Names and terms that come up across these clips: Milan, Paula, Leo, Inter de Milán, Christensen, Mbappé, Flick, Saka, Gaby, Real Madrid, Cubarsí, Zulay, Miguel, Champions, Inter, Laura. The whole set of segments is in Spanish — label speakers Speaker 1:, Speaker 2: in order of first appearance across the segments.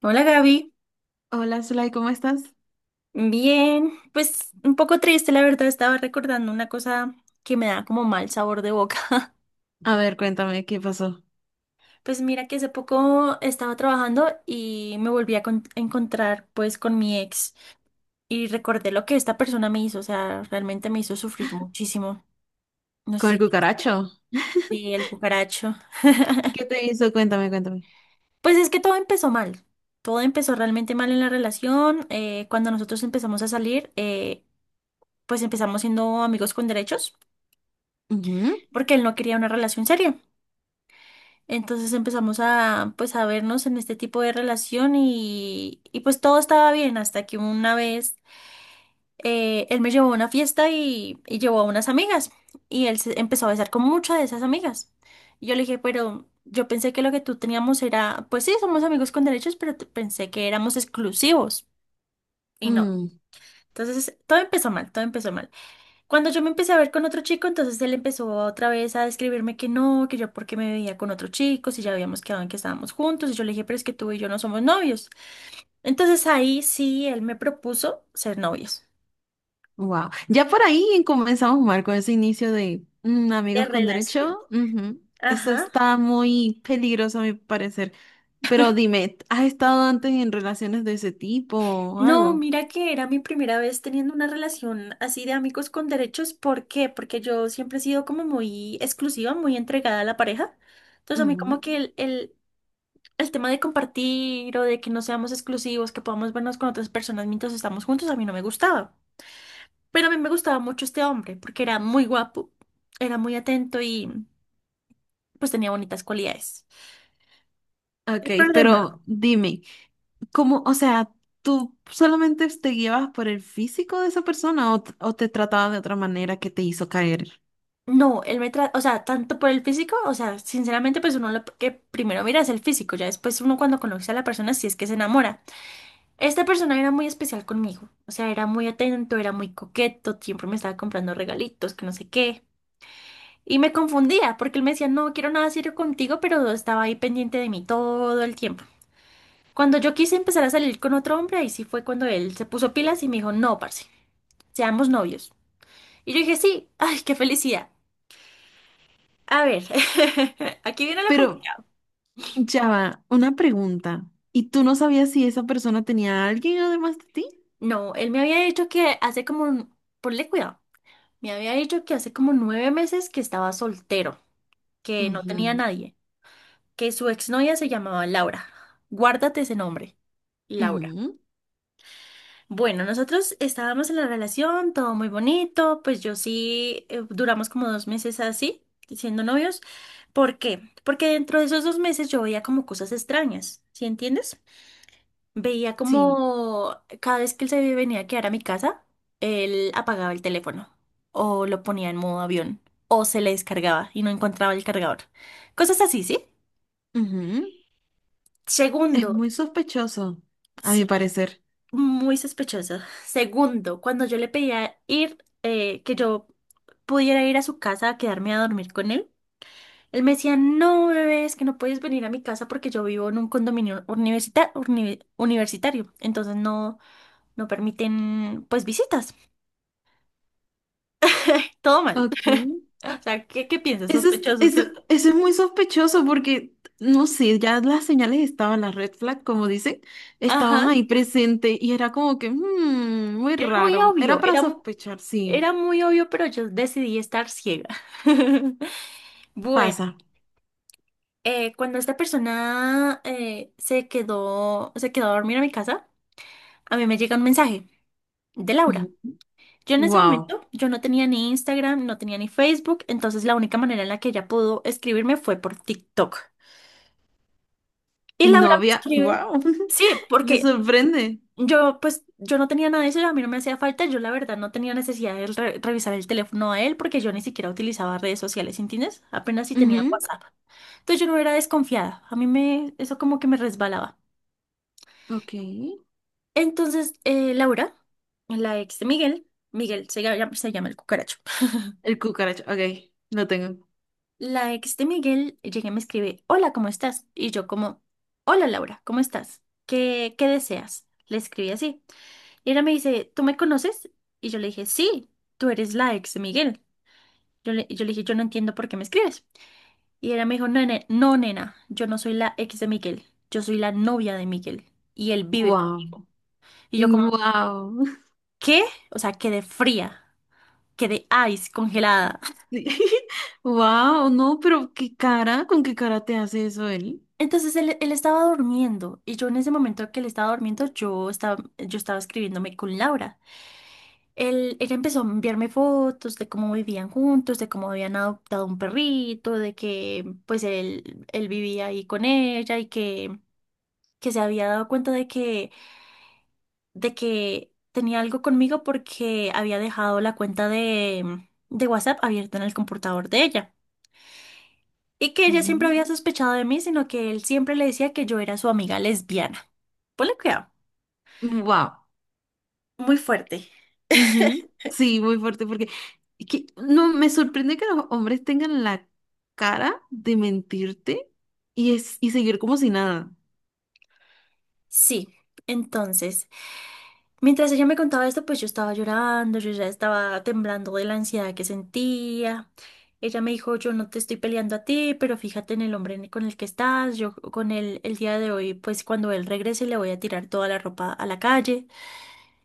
Speaker 1: Hola Gaby,
Speaker 2: Hola, Zulay, ¿cómo estás?
Speaker 1: bien, pues un poco triste, la verdad, estaba recordando una cosa que me da como mal sabor de boca.
Speaker 2: A ver, cuéntame, ¿qué pasó
Speaker 1: Pues mira que hace poco estaba trabajando y me volví a a encontrar pues con mi ex y recordé lo que esta persona me hizo, o sea, realmente me hizo sufrir muchísimo. No sé
Speaker 2: con el
Speaker 1: si,
Speaker 2: cucaracho?
Speaker 1: si el cucaracho.
Speaker 2: ¿Qué te hizo? Cuéntame, cuéntame.
Speaker 1: Pues es que todo empezó mal, todo empezó realmente mal en la relación. Cuando nosotros empezamos a salir, pues empezamos siendo amigos con derechos porque él no quería una relación seria. Entonces empezamos a, pues, a vernos en este tipo de relación y pues todo estaba bien hasta que una vez él me llevó a una fiesta y llevó a unas amigas y él se empezó a besar con muchas de esas amigas. Y yo le dije, pero yo pensé que lo que tú teníamos era, pues sí, somos amigos con derechos, pero pensé que éramos exclusivos y no. Entonces todo empezó mal, todo empezó mal. Cuando yo me empecé a ver con otro chico, entonces él empezó otra vez a describirme que no, que yo porque me veía con otro chico, si ya habíamos quedado en que estábamos juntos, y yo le dije, pero es que tú y yo no somos novios. Entonces ahí sí, él me propuso ser novios.
Speaker 2: Wow. Ya por ahí comenzamos mal con ese inicio de
Speaker 1: De
Speaker 2: amigos con
Speaker 1: relación.
Speaker 2: derecho. Ujú. Eso
Speaker 1: Ajá.
Speaker 2: está muy peligroso a mi parecer. Pero dime, ¿has estado antes en relaciones de ese tipo o
Speaker 1: No,
Speaker 2: algo?
Speaker 1: mira que era mi primera vez teniendo una relación así de amigos con derechos. ¿Por qué? Porque yo siempre he sido como muy exclusiva, muy entregada a la pareja. Entonces a mí como que el tema de compartir o de que no seamos exclusivos, que podamos vernos con otras personas mientras estamos juntos, a mí no me gustaba. Pero a mí me gustaba mucho este hombre porque era muy guapo, era muy atento y pues tenía bonitas cualidades. El
Speaker 2: Ok,
Speaker 1: problema,
Speaker 2: pero dime, ¿cómo, o sea, tú solamente te guiabas por el físico de esa persona o, o te trataba de otra manera que te hizo caer?
Speaker 1: no, él me trata, o sea, tanto por el físico, o sea, sinceramente pues uno lo que primero mira es el físico, ya después uno cuando conoce a la persona si es que se enamora. Esta persona era muy especial conmigo, o sea, era muy atento, era muy coqueto, siempre me estaba comprando regalitos, que no sé qué. Y me confundía porque él me decía, no quiero nada serio contigo, pero estaba ahí pendiente de mí todo el tiempo. Cuando yo quise empezar a salir con otro hombre, ahí sí fue cuando él se puso pilas y me dijo, no, parce, seamos novios. Y yo dije, sí, ay, qué felicidad. A ver, aquí viene la
Speaker 2: Pero
Speaker 1: complicada.
Speaker 2: ya va, una pregunta. ¿Y tú no sabías si esa persona tenía a alguien además de ti?
Speaker 1: No, él me había dicho que hace como, ponle cuidado, me había dicho que hace como 9 meses que estaba soltero, que no tenía
Speaker 2: Ujú,
Speaker 1: nadie, que su exnovia se llamaba Laura. Guárdate ese nombre, Laura.
Speaker 2: ujú,
Speaker 1: Bueno, nosotros estábamos en la relación, todo muy bonito, pues yo sí duramos como 2 meses así, siendo novios. ¿Por qué? Porque dentro de esos 2 meses yo veía como cosas extrañas, ¿sí entiendes? Veía
Speaker 2: sí,
Speaker 1: como cada vez que él se venía a quedar a mi casa, él apagaba el teléfono o lo ponía en modo avión o se le descargaba y no encontraba el cargador. Cosas así, ¿sí?
Speaker 2: ujú. Es
Speaker 1: Segundo,
Speaker 2: muy sospechoso, a mi
Speaker 1: sí.
Speaker 2: parecer.
Speaker 1: Muy sospechoso. Segundo, cuando yo le pedía ir, que yo pudiera ir a su casa a quedarme a dormir con él, él me decía, no, bebé, es que no puedes venir a mi casa porque yo vivo en un condominio universitario, entonces no, no permiten, pues, visitas. Todo mal.
Speaker 2: Ok.
Speaker 1: O sea, ¿qué, qué piensas?
Speaker 2: Eso es,
Speaker 1: Sospechoso,
Speaker 2: eso,
Speaker 1: ¿cierto?
Speaker 2: Eso es muy sospechoso porque, no sé, ya las señales estaban, las red flag, como dicen, estaban
Speaker 1: Ajá.
Speaker 2: ahí presentes y era como que, muy
Speaker 1: Era muy
Speaker 2: raro. Era
Speaker 1: obvio,
Speaker 2: para sospechar", sí,
Speaker 1: era muy obvio, pero yo decidí estar ciega. Bueno.
Speaker 2: pasa.
Speaker 1: Cuando esta persona se quedó a dormir a mi casa, a mí me llega un mensaje de Laura. Yo en ese
Speaker 2: Wow.
Speaker 1: momento, yo no tenía ni Instagram, no tenía ni Facebook, entonces la única manera en la que ella pudo escribirme fue por TikTok. Y
Speaker 2: Y no
Speaker 1: Laura me
Speaker 2: había,
Speaker 1: escribe,
Speaker 2: wow.
Speaker 1: sí,
Speaker 2: Me
Speaker 1: porque
Speaker 2: sorprende.
Speaker 1: yo pues yo no tenía nada de eso, a mí no me hacía falta, yo la verdad no tenía necesidad de revisar el teléfono a él porque yo ni siquiera utilizaba redes sociales, ¿entiendes? Apenas si tenía
Speaker 2: Ujú,
Speaker 1: WhatsApp. Entonces yo no era desconfiada, a mí me, eso como que me resbalaba.
Speaker 2: ok.
Speaker 1: Entonces, Laura, la ex de Miguel, Miguel se llama el cucaracho.
Speaker 2: El cucaracho, ok, lo tengo.
Speaker 1: La ex de Miguel llega y me escribe, hola, ¿cómo estás? Y yo como, hola, Laura, ¿cómo estás? ¿Qué, qué deseas? Le escribí así. Y ella me dice, ¿tú me conoces? Y yo le dije, sí, tú eres la ex de Miguel. Yo le dije, yo no entiendo por qué me escribes. Y ella me dijo, no, nena, no, nena, yo no soy la ex de Miguel, yo soy la novia de Miguel y él vive
Speaker 2: Wow.
Speaker 1: conmigo. Y yo como,
Speaker 2: Wow.
Speaker 1: ¿qué? O sea, quedé fría. Quedé ice, congelada.
Speaker 2: Sí. Wow, no, pero qué cara, ¿con qué cara te hace eso él?
Speaker 1: Entonces él estaba durmiendo y yo en ese momento que él estaba durmiendo, yo estaba escribiéndome con Laura. Él empezó a enviarme fotos de cómo vivían juntos, de cómo habían adoptado un perrito, de que pues él vivía ahí con ella y que se había dado cuenta de que tenía algo conmigo porque había dejado la cuenta de WhatsApp abierta en el computador de ella. Y que ella siempre había sospechado de mí, sino que él siempre le decía que yo era su amiga lesbiana. Ponle cuidado.
Speaker 2: Wow.
Speaker 1: Muy fuerte.
Speaker 2: Ujú, sí, muy fuerte, porque es que no me sorprende que los hombres tengan la cara de mentirte y, es, y seguir como si nada.
Speaker 1: Sí, entonces, mientras ella me contaba esto, pues yo estaba llorando, yo ya estaba temblando de la ansiedad que sentía. Ella me dijo, yo no te estoy peleando a ti, pero fíjate en el hombre con el que estás, yo con él el día de hoy, pues cuando él regrese le voy a tirar toda la ropa a la calle.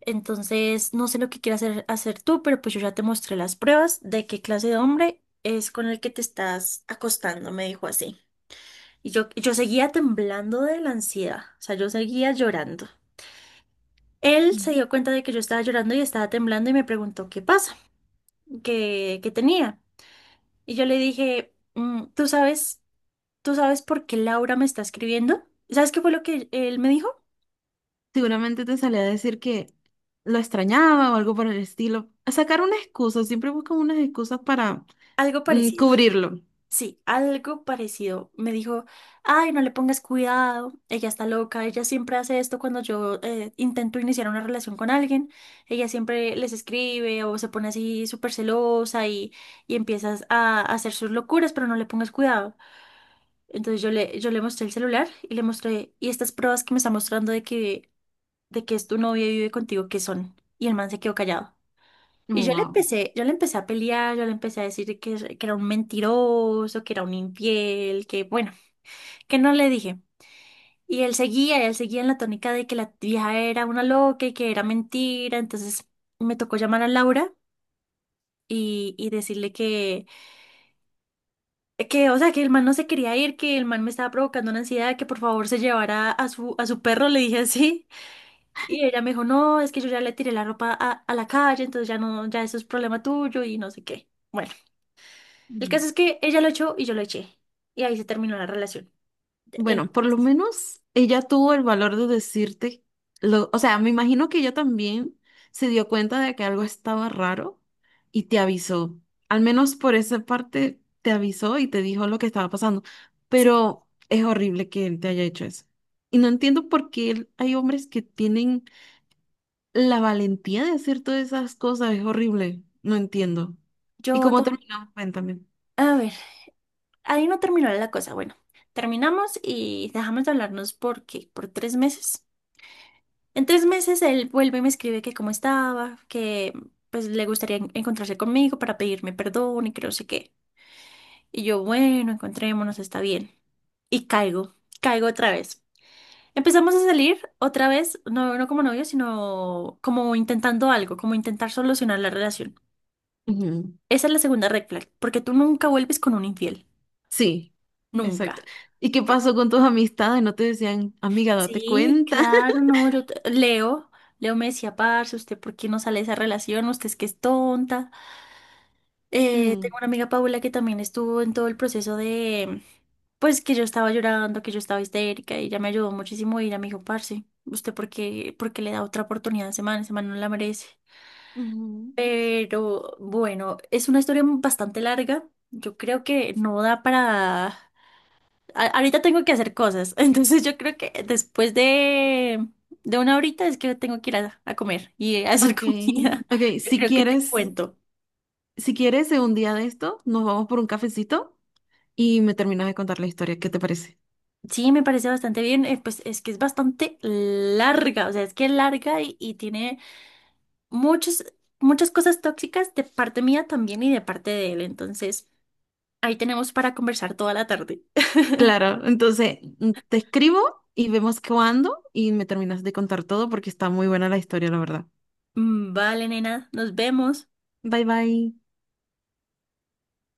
Speaker 1: Entonces, no sé lo que quieras hacer, hacer tú, pero pues yo ya te mostré las pruebas de qué clase de hombre es con el que te estás acostando, me dijo así. Y yo seguía temblando de la ansiedad, o sea, yo seguía llorando. Él se
Speaker 2: Mm.
Speaker 1: dio cuenta de que yo estaba llorando y estaba temblando y me preguntó qué pasa, qué, qué tenía. Y yo le dije, "Mm, tú sabes por qué Laura me está escribiendo? ¿Sabes qué fue lo que él me dijo?
Speaker 2: Seguramente te salía a decir que lo extrañaba o algo por el estilo. A sacar una excusa, siempre buscan unas excusas para
Speaker 1: Algo parecido.
Speaker 2: cubrirlo.
Speaker 1: Sí, algo parecido. Me dijo, ay, no le pongas cuidado, ella está loca, ella siempre hace esto cuando yo intento iniciar una relación con alguien, ella siempre les escribe o se pone así súper celosa y empiezas a hacer sus locuras, pero no le pongas cuidado. Entonces yo le mostré el celular y le mostré, y estas pruebas que me está mostrando de que es tu novia y vive contigo, ¿qué son? Y el man se quedó callado.
Speaker 2: Wow.
Speaker 1: Yo le empecé a pelear, yo le empecé a decir que era un mentiroso, que era un infiel, que bueno, que no le dije. Y él seguía en la tónica de que la vieja era una loca y que era mentira. Entonces me tocó llamar a Laura y decirle que, o sea, que el man no se quería ir, que el man me estaba provocando una ansiedad, que por favor se llevara a su perro, le dije así. Y ella me dijo, no, es que yo ya le tiré la ropa a la calle, entonces ya no, ya eso es problema tuyo y no sé qué. Bueno. El caso es que ella lo echó y yo lo eché. Y ahí se terminó la relación. En dos
Speaker 2: Bueno, por lo
Speaker 1: meses.
Speaker 2: menos ella tuvo el valor de decirte, lo, o sea, me imagino que ella también se dio cuenta de que algo estaba raro y te avisó. Al menos por esa parte te avisó y te dijo lo que estaba pasando.
Speaker 1: Sí,
Speaker 2: Pero es horrible que él te haya hecho eso. Y no entiendo por qué hay hombres que tienen la valentía de hacer todas esas cosas. Es horrible. No entiendo. ¿Y
Speaker 1: yo...
Speaker 2: cómo
Speaker 1: tam-
Speaker 2: terminó? Cuéntame.
Speaker 1: a ver, ahí no terminó la cosa. Bueno, terminamos y dejamos de hablarnos porque por 3 meses. En tres meses él vuelve y me escribe que cómo estaba, que pues le gustaría encontrarse conmigo para pedirme perdón y que no sé qué. Y yo, bueno, encontrémonos, está bien. Y caigo, caigo otra vez. Empezamos a salir otra vez, no, no como novios, sino como intentando algo, como intentar solucionar la relación. Esa es la segunda red flag, porque tú nunca vuelves con un infiel,
Speaker 2: Sí, exacto.
Speaker 1: nunca.
Speaker 2: ¿Y qué
Speaker 1: Por-
Speaker 2: pasó con tus amistades? ¿No te decían, amiga, date
Speaker 1: Sí,
Speaker 2: cuenta?
Speaker 1: claro, no, Leo, Leo me decía, parce, ¿usted por qué no sale de esa relación? Usted es que es tonta.
Speaker 2: Mm,
Speaker 1: Tengo una amiga Paula que también estuvo en todo el proceso de, pues que yo estaba llorando, que yo estaba histérica y ella me ayudó muchísimo y ella me dijo, parce, ¿usted por qué le da otra oportunidad a ese man? Ese man no la merece.
Speaker 2: ujú.
Speaker 1: Pero bueno, es una historia bastante larga. Yo creo que no da para... ahorita tengo que hacer cosas, entonces yo creo que después de una horita es que tengo que ir a comer y a hacer
Speaker 2: Ok,
Speaker 1: comida.
Speaker 2: ok,
Speaker 1: Yo
Speaker 2: si
Speaker 1: creo que te
Speaker 2: quieres,
Speaker 1: cuento.
Speaker 2: si quieres, en un día de esto, nos vamos por un cafecito y me terminas de contar la historia, ¿qué te parece?
Speaker 1: Sí, me parece bastante bien. Pues es que es bastante larga, o sea, es que es larga y tiene muchas muchas cosas tóxicas de parte mía también y de parte de él. Entonces, ahí tenemos para conversar toda la tarde.
Speaker 2: Claro, entonces te escribo y vemos cuándo y me terminas de contar todo porque está muy buena la historia, la verdad.
Speaker 1: Mm, vale, nena, nos vemos.
Speaker 2: Bye bye.